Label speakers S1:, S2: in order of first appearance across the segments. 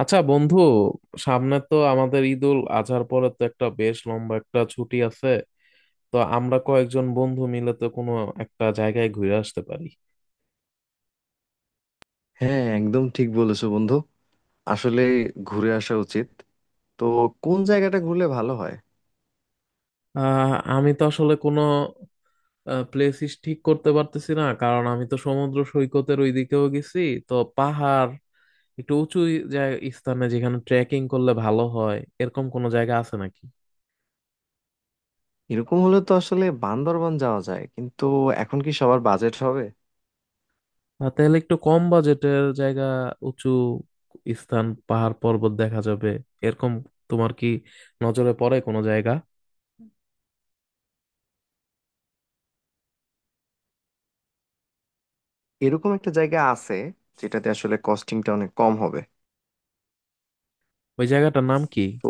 S1: আচ্ছা বন্ধু, সামনে তো আমাদের ঈদুল আজহার পরে তো একটা বেশ লম্বা একটা ছুটি আছে। তো আমরা কয়েকজন বন্ধু মিলে তো কোনো একটা জায়গায় ঘুরে আসতে পারি।
S2: হ্যাঁ, একদম ঠিক বলেছো বন্ধু। আসলে ঘুরে আসা উচিত। তো কোন জায়গাটা ঘুরলে ভালো হয়?
S1: আমি তো আসলে কোনো প্লেসিস ঠিক করতে পারতেছি না, কারণ আমি তো সমুদ্র সৈকতের ওইদিকেও গেছি। তো পাহাড়, একটু উঁচু জায়গা স্থানে যেখানে ট্রেকিং করলে ভালো হয়, এরকম কোনো জায়গা আছে নাকি?
S2: এরকম হলে তো আসলে বান্দরবান যাওয়া যায়, কিন্তু এখন কি সবার বাজেট হবে?
S1: আর তাহলে একটু কম বাজেটের জায়গা, উঁচু স্থান, পাহাড় পর্বত দেখা যাবে এরকম, তোমার কি নজরে পড়ে কোনো জায়গা?
S2: এরকম একটা জায়গা আছে যেটাতে আসলে কস্টিংটা অনেক কম হবে।
S1: ওই জায়গাটার নাম কি?
S2: তো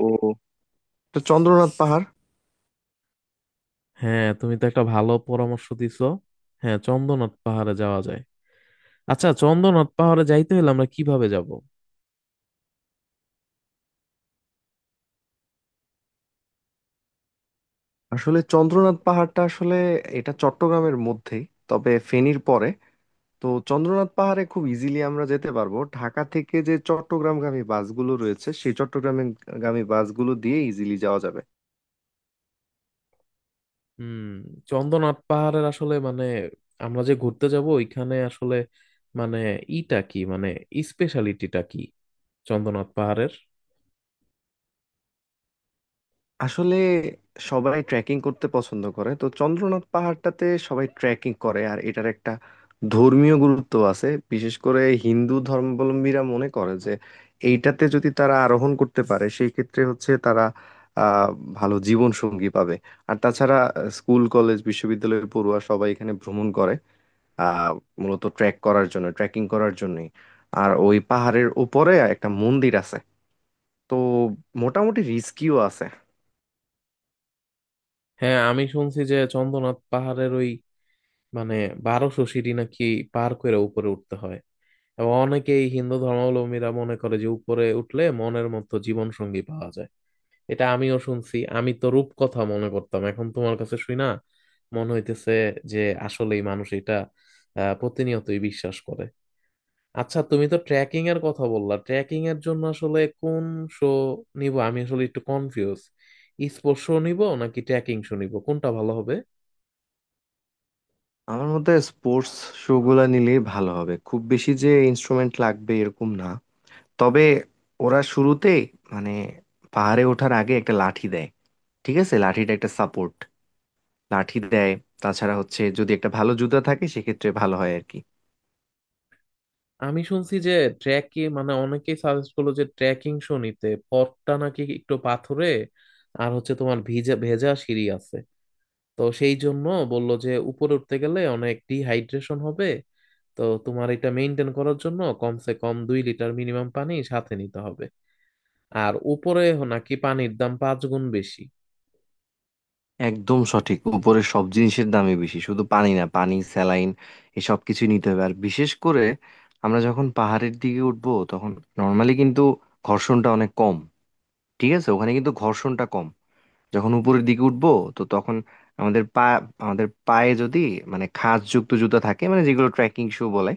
S2: তো চন্দ্রনাথ পাহাড়।
S1: হ্যাঁ, তুমি তো একটা ভালো পরামর্শ দিছো। হ্যাঁ, চন্দ্রনাথ পাহাড়ে যাওয়া যায়। আচ্ছা চন্দ্রনাথ পাহাড়ে যাইতে হলে আমরা কিভাবে যাব?
S2: আসলে চন্দ্রনাথ পাহাড়টা আসলে এটা চট্টগ্রামের মধ্যেই, তবে ফেনীর পরে। তো চন্দ্রনাথ পাহাড়ে খুব ইজিলি আমরা যেতে পারবো। ঢাকা থেকে যে চট্টগ্রামগামী বাসগুলো রয়েছে সেই চট্টগ্রামগামী বাসগুলো দিয়ে ইজিলি যাওয়া যাবে।
S1: হুম। চন্দ্রনাথ পাহাড়ের আসলে আমরা যে ঘুরতে যাব ওইখানে আসলে মানে ইটা কি, স্পেশালিটিটা কি চন্দ্রনাথ পাহাড়ের?
S2: আসলে সবাই ট্রেকিং করতে পছন্দ করে, তো চন্দ্রনাথ পাহাড়টাতে সবাই ট্রেকিং করে। আর এটার একটা ধর্মীয় গুরুত্ব আছে। বিশেষ করে হিন্দু ধর্মাবলম্বীরা মনে করে যে এইটাতে যদি তারা আরোহণ করতে পারে, সেই ক্ষেত্রে হচ্ছে তারা আহ ভালো জীবন সঙ্গী পাবে। আর তাছাড়া স্কুল কলেজ বিশ্ববিদ্যালয়ের পড়ুয়া সবাই এখানে ভ্রমণ করে, আহ মূলত ট্রেক করার জন্য ট্রেকিং করার জন্যই। আর ওই পাহাড়ের উপরে একটা মন্দির আছে। তো মোটামুটি রিস্কিও আছে।
S1: হ্যাঁ, আমি শুনছি যে চন্দ্রনাথ পাহাড়ের ওই মানে 1200 সিঁড়ি নাকি পার করে উপরে উঠতে হয়। এবং অনেকেই হিন্দু ধর্মাবলম্বীরা মনে করে যে উপরে উঠলে মনের মতো জীবন সঙ্গী পাওয়া যায়। এটা আমিও শুনছি, আমি তো রূপকথা মনে করতাম, এখন তোমার কাছে শুই না মনে হইতেছে যে আসলেই মানুষ এটা প্রতিনিয়তই বিশ্বাস করে। আচ্ছা তুমি তো ট্রেকিং এর কথা বললা, ট্রেকিং এর জন্য আসলে কোন শো নিব, আমি আসলে একটু কনফিউজ। স্পোর্টস শো নিব নাকি ট্রেকিং শো নিব, কোনটা ভালো হবে?
S2: আমার মতে স্পোর্টস শু গুলা নিলেই ভালো হবে। খুব বেশি যে ইনস্ট্রুমেন্ট লাগবে এরকম না। তবে ওরা শুরুতে মানে পাহাড়ে ওঠার আগে একটা লাঠি দেয়। ঠিক আছে, লাঠিটা একটা সাপোর্ট লাঠি দেয়। তাছাড়া হচ্ছে যদি একটা ভালো জুতা থাকে সেক্ষেত্রে ভালো হয় আর কি।
S1: আমি শুনছি যে ট্রেকিং অনেকেই সাজেস্ট করলো যে ট্রেকিং শো নিতে, পথটা নাকি একটু পাথুরে। আর হচ্ছে তোমার ভিজা ভেজা সিঁড়ি আছে, তো সেই জন্য বললো যে উপরে উঠতে গেলে অনেক ডিহাইড্রেশন হবে। তো তোমার এটা মেনটেন করার জন্য কমসে কম 2 লিটার মিনিমাম পানি সাথে নিতে হবে। আর উপরে নাকি পানির দাম 5 গুণ বেশি।
S2: একদম সঠিক। উপরে সব জিনিসের দামই বেশি, শুধু পানি না, পানি স্যালাইন এসব কিছুই নিতে হবে। আর বিশেষ করে আমরা যখন পাহাড়ের দিকে উঠবো তখন নর্মালি কিন্তু ঘর্ষণটা অনেক কম। ঠিক আছে, ওখানে কিন্তু ঘর্ষণটা কম। যখন উপরের দিকে উঠবো তো তখন আমাদের পা আমাদের পায়ে যদি মানে খাঁজযুক্ত জুতা থাকে, মানে যেগুলো ট্রেকিং শু বলে,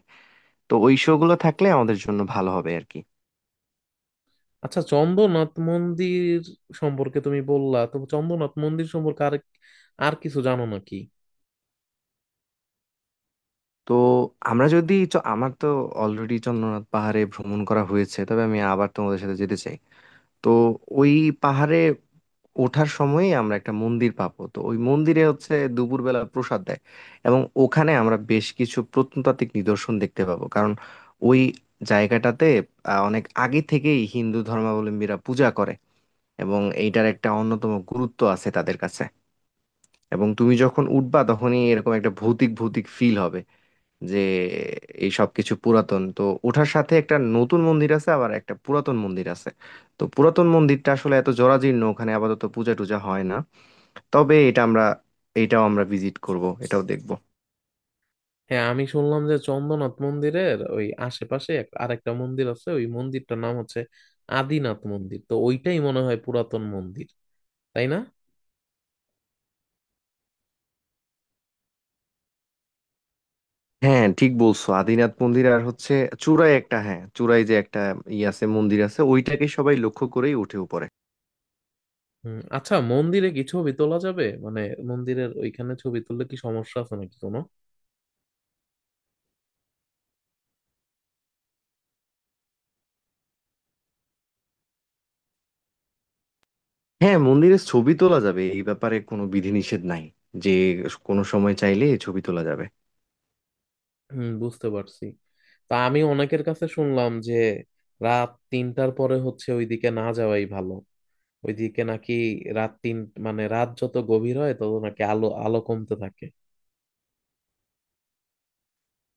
S2: তো ওই শু গুলো থাকলে আমাদের জন্য ভালো হবে আর কি।
S1: আচ্ছা চন্দ্রনাথ মন্দির সম্পর্কে তুমি বললা, তো চন্দ্রনাথ মন্দির সম্পর্কে আর আর কিছু জানো নাকি?
S2: তো আমার তো অলরেডি চন্দ্রনাথ পাহাড়ে ভ্রমণ করা হয়েছে, তবে আমি আবার তোমাদের সাথে যেতে চাই। তো ওই পাহাড়ে ওঠার সময়ই আমরা একটা মন্দির পাবো। তো ওই মন্দিরে হচ্ছে দুপুরবেলা প্রসাদ দেয়। এবং ওখানে আমরা বেশ কিছু প্রত্নতাত্ত্বিক নিদর্শন দেখতে পাবো, কারণ ওই জায়গাটাতে অনেক আগে থেকেই হিন্দু ধর্মাবলম্বীরা পূজা করে, এবং এইটার একটা অন্যতম গুরুত্ব আছে তাদের কাছে। এবং তুমি যখন উঠবা তখনই এরকম একটা ভৌতিক ভৌতিক ফিল হবে যে এই সব কিছু পুরাতন। তো ওঠার সাথে একটা নতুন মন্দির আছে, আবার একটা পুরাতন মন্দির আছে। তো পুরাতন মন্দিরটা আসলে এত জরাজীর্ণ ওখানে আপাতত পূজা টুজা হয় না। তবে এটা আমরা এটাও আমরা ভিজিট করব, এটাও দেখব।
S1: হ্যাঁ আমি শুনলাম যে চন্দ্রনাথ মন্দিরের ওই আশেপাশে আরেকটা মন্দির আছে, ওই মন্দিরটার নাম হচ্ছে আদিনাথ মন্দির। তো ওইটাই মনে হয় পুরাতন মন্দির, তাই না?
S2: হ্যাঁ, ঠিক বলছো, আদিনাথ মন্দির। আর হচ্ছে চূড়ায় একটা, হ্যাঁ, চূড়ায় যে একটা আছে, মন্দির আছে, ওইটাকে সবাই লক্ষ্য করেই উঠে উপরে।
S1: হুম, আচ্ছা মন্দিরে কি ছবি তোলা যাবে? মন্দিরের ওইখানে ছবি তুললে কি সমস্যা আছে নাকি কোনো?
S2: হ্যাঁ, মন্দিরের ছবি তোলা যাবে, এই ব্যাপারে কোনো বিধিনিষেধ নাই, যে কোনো সময় চাইলে ছবি তোলা যাবে।
S1: হুম, বুঝতে পারছি। তা আমি অনেকের কাছে শুনলাম যে রাত 3টার পরে হচ্ছে ওইদিকে না যাওয়াই ভালো। ওইদিকে নাকি রাত তিন মানে রাত যত গভীর হয় তত নাকি আলো আলো কমতে থাকে।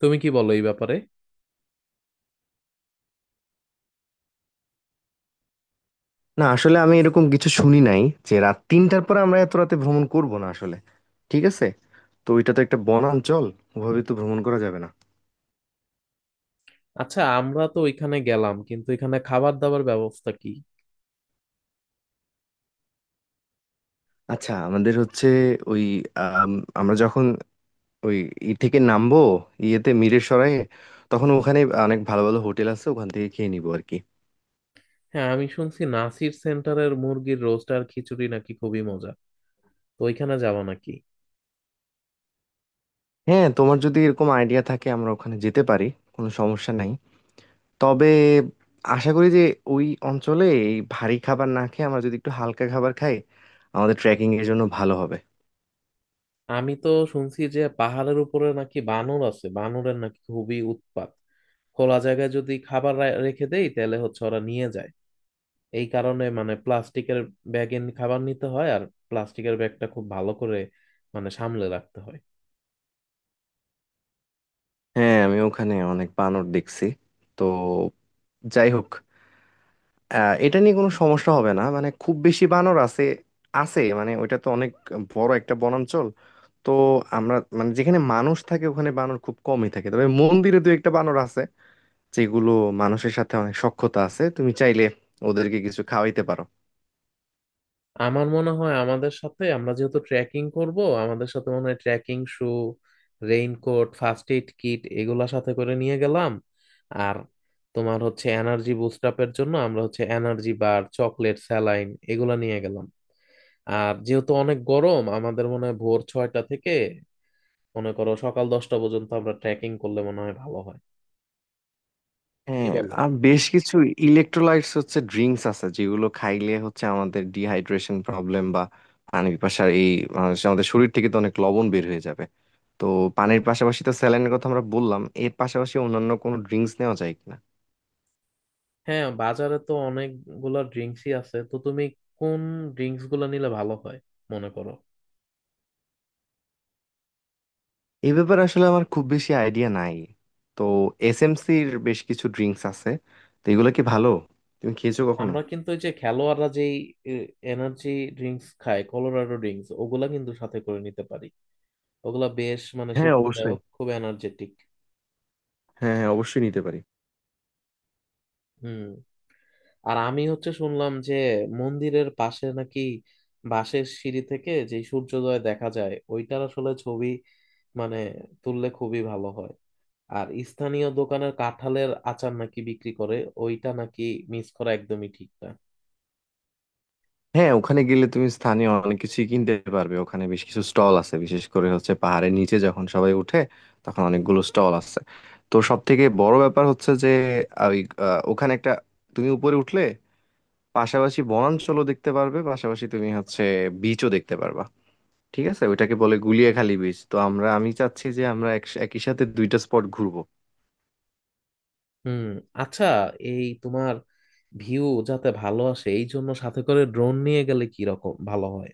S1: তুমি কি বলো এই ব্যাপারে?
S2: না, আসলে আমি এরকম কিছু শুনি নাই যে রাত তিনটার পরে আমরা এত রাতে ভ্রমণ করব না আসলে। ঠিক আছে। তো ওইটা তো একটা বনাঞ্চল, ওভাবে তো ভ্রমণ করা যাবে না।
S1: আচ্ছা আমরা তো ওইখানে গেলাম, কিন্তু এখানে খাবার দাবার ব্যবস্থা কি?
S2: আচ্ছা, আমাদের হচ্ছে ওই আম, আমরা যখন ওই থেকে নামবো, ইয়েতে মিরের সরায়ে, তখন ওখানে অনেক ভালো ভালো হোটেল আছে, ওখান থেকে খেয়ে নিবো আর কি।
S1: হ্যাঁ, আমি শুনছি নাসির সেন্টারের মুরগির রোস্ট আর খিচুড়ি নাকি খুবই মজা, তো ওইখানে যাব নাকি?
S2: হ্যাঁ, তোমার যদি এরকম আইডিয়া থাকে আমরা ওখানে যেতে পারি, কোনো সমস্যা নাই। তবে আশা করি যে ওই অঞ্চলে এই ভারী খাবার না খেয়ে আমরা যদি একটু হালকা খাবার খাই আমাদের ট্রেকিং এর জন্য ভালো হবে।
S1: আমি তো শুনছি যে পাহাড়ের উপরে নাকি বানর আছে, বানরের নাকি খুবই উৎপাত। খোলা জায়গায় যদি খাবার রেখে দেই তাহলে হচ্ছে ওরা নিয়ে যায়। এই কারণে প্লাস্টিকের ব্যাগে খাবার নিতে হয়, আর প্লাস্টিকের ব্যাগটা খুব ভালো করে সামলে রাখতে হয়।
S2: হ্যাঁ, আমি ওখানে অনেক বানর দেখছি। তো যাই হোক, এটা নিয়ে কোনো সমস্যা হবে না। মানে খুব বেশি বানর আছে, আছে মানে ওইটা তো অনেক বড় একটা বনাঞ্চল। তো আমরা মানে যেখানে মানুষ থাকে ওখানে বানর খুব কমই থাকে, তবে মন্দিরে দু একটা বানর আছে যেগুলো মানুষের সাথে অনেক সখ্যতা আছে। তুমি চাইলে ওদেরকে কিছু খাওয়াইতে পারো।
S1: আমার মনে হয় আমাদের সাথে, আমরা যেহেতু ট্রেকিং করব, আমাদের সাথে মনে হয় trekking shoe, raincoat, first aid kit এগুলা সাথে করে নিয়ে গেলাম। আর তোমার হচ্ছে এনার্জি বুস্ট আপের জন্য আমরা হচ্ছে এনার্জি বার, চকলেট, স্যালাইন এগুলা নিয়ে গেলাম। আর যেহেতু অনেক গরম, আমাদের মনে হয় ভোর 6টা থেকে মনে করো সকাল 10টা পর্যন্ত আমরা ট্রেকিং করলে মনে হয় ভালো হয়। কি
S2: হ্যাঁ,
S1: বলো?
S2: আর বেশ কিছু ইলেকট্রোলাইটস হচ্ছে ড্রিঙ্কস আছে যেগুলো খাইলে হচ্ছে আমাদের ডিহাইড্রেশন প্রবলেম বা পানি পিপাসার এই আমাদের শরীর থেকে তো অনেক লবণ বের হয়ে যাবে। তো পানির পাশাপাশি তো স্যালাইনের কথা আমরা বললাম, এর পাশাপাশি অন্যান্য কোনো ড্রিঙ্কস নেওয়া যায় কিনা?
S1: হ্যাঁ, বাজারে তো অনেকগুলা ড্রিঙ্কসই আছে, তো তুমি কোন ড্রিঙ্কস গুলো নিলে ভালো হয় মনে করো?
S2: এই ব্যাপারে আসলে আমার খুব বেশি আইডিয়া নাই। তো এসএমসির বেশ কিছু ড্রিঙ্কস আছে, তো এগুলো কি ভালো? তুমি খেয়েছো কখনো?
S1: আমরা কিন্তু ওই যে খেলোয়াড়রা যেই এনার্জি ড্রিঙ্কস খায়, কলোরাডো ড্রিঙ্কস, ওগুলা কিন্তু সাথে করে নিতে পারি। ওগুলা বেশ
S2: হ্যাঁ অবশ্যই,
S1: শক্তিদায়ক, খুব এনার্জেটিক।
S2: হ্যাঁ হ্যাঁ অবশ্যই নিতে পারি।
S1: হুম। আর আমি হচ্ছে শুনলাম যে মন্দিরের পাশে নাকি বাঁশের সিঁড়ি থেকে যে সূর্যোদয় দেখা যায় ওইটার আসলে ছবি মানে তুললে খুবই ভালো হয়। আর স্থানীয় দোকানের কাঁঠালের আচার নাকি বিক্রি করে, ওইটা নাকি মিস করা একদমই ঠিক না।
S2: হ্যাঁ, ওখানে গেলে তুমি স্থানীয় অনেক কিছুই কিনতে পারবে। ওখানে বেশ কিছু স্টল আছে, বিশেষ করে হচ্ছে পাহাড়ের নিচে যখন সবাই উঠে তখন অনেকগুলো স্টল আছে। তো সব থেকে বড় ব্যাপার হচ্ছে যে ওই ওখানে একটা, তুমি উপরে উঠলে পাশাপাশি বনাঞ্চলও দেখতে পারবে, পাশাপাশি তুমি হচ্ছে বিচও দেখতে পারবা। ঠিক আছে, ওইটাকে বলে গুলিয়াখালী বিচ। তো আমি চাচ্ছি যে আমরা একই সাথে দুইটা স্পট ঘুরবো।
S1: হুম, আচ্ছা এই তোমার ভিউ যাতে ভালো আসে এই জন্য সাথে করে ড্রোন নিয়ে গেলে কি রকম ভালো হয়,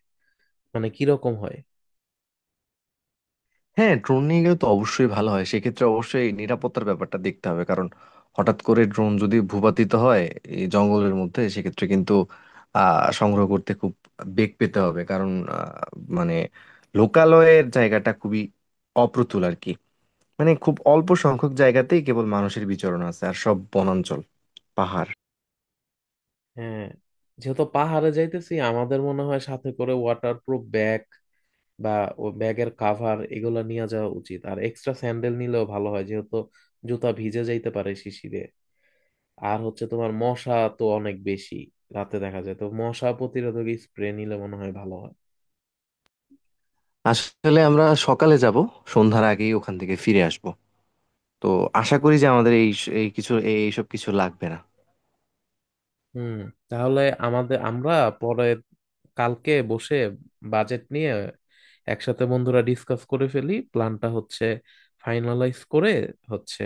S1: কি রকম হয়?
S2: হ্যাঁ, ড্রোন নিয়ে গেলে তো অবশ্যই ভালো হয়, সেক্ষেত্রে অবশ্যই নিরাপত্তার ব্যাপারটা দেখতে হবে। কারণ হঠাৎ করে ড্রোন যদি ভূপাতিত হয় এই জঙ্গলের মধ্যে, সেক্ষেত্রে কিন্তু সংগ্রহ করতে খুব বেগ পেতে হবে। কারণ আহ, মানে লোকালয়ের জায়গাটা খুবই অপ্রতুল আর কি। মানে খুব অল্প সংখ্যক জায়গাতেই কেবল মানুষের বিচরণ আছে, আর সব বনাঞ্চল, পাহাড়।
S1: হ্যাঁ, যেহেতু পাহাড়ে যাইতেছি আমাদের মনে হয় সাথে করে ওয়াটারপ্রুফ ব্যাগ বা ও ব্যাগের কাভার এগুলো নিয়ে যাওয়া উচিত। আর এক্সট্রা স্যান্ডেল নিলেও ভালো হয় যেহেতু জুতা ভিজে যাইতে পারে শিশিরে। আর হচ্ছে তোমার মশা তো অনেক বেশি রাতে দেখা যায়, তো মশা প্রতিরোধক স্প্রে নিলে মনে হয় ভালো হয়।
S2: আসলে আমরা সকালে যাব, সন্ধ্যার আগেই ওখান থেকে ফিরে আসব। তো আশা করি যে আমাদের এই এই কিছু এই- এইসব কিছু লাগবে না।
S1: হুম, তাহলে আমাদের, আমরা পরে কালকে বসে বাজেট নিয়ে একসাথে বন্ধুরা ডিসকাস করে ফেলি, প্ল্যানটা হচ্ছে ফাইনালাইজ করে হচ্ছে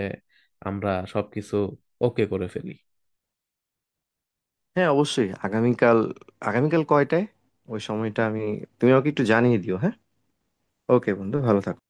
S1: আমরা সবকিছু ওকে করে ফেলি।
S2: হ্যাঁ অবশ্যই। আগামীকাল আগামীকাল কয়টায়? ওই সময়টা তুমি আমাকে একটু জানিয়ে দিও, হ্যাঁ। ওকে বন্ধু, ভালো থাকো।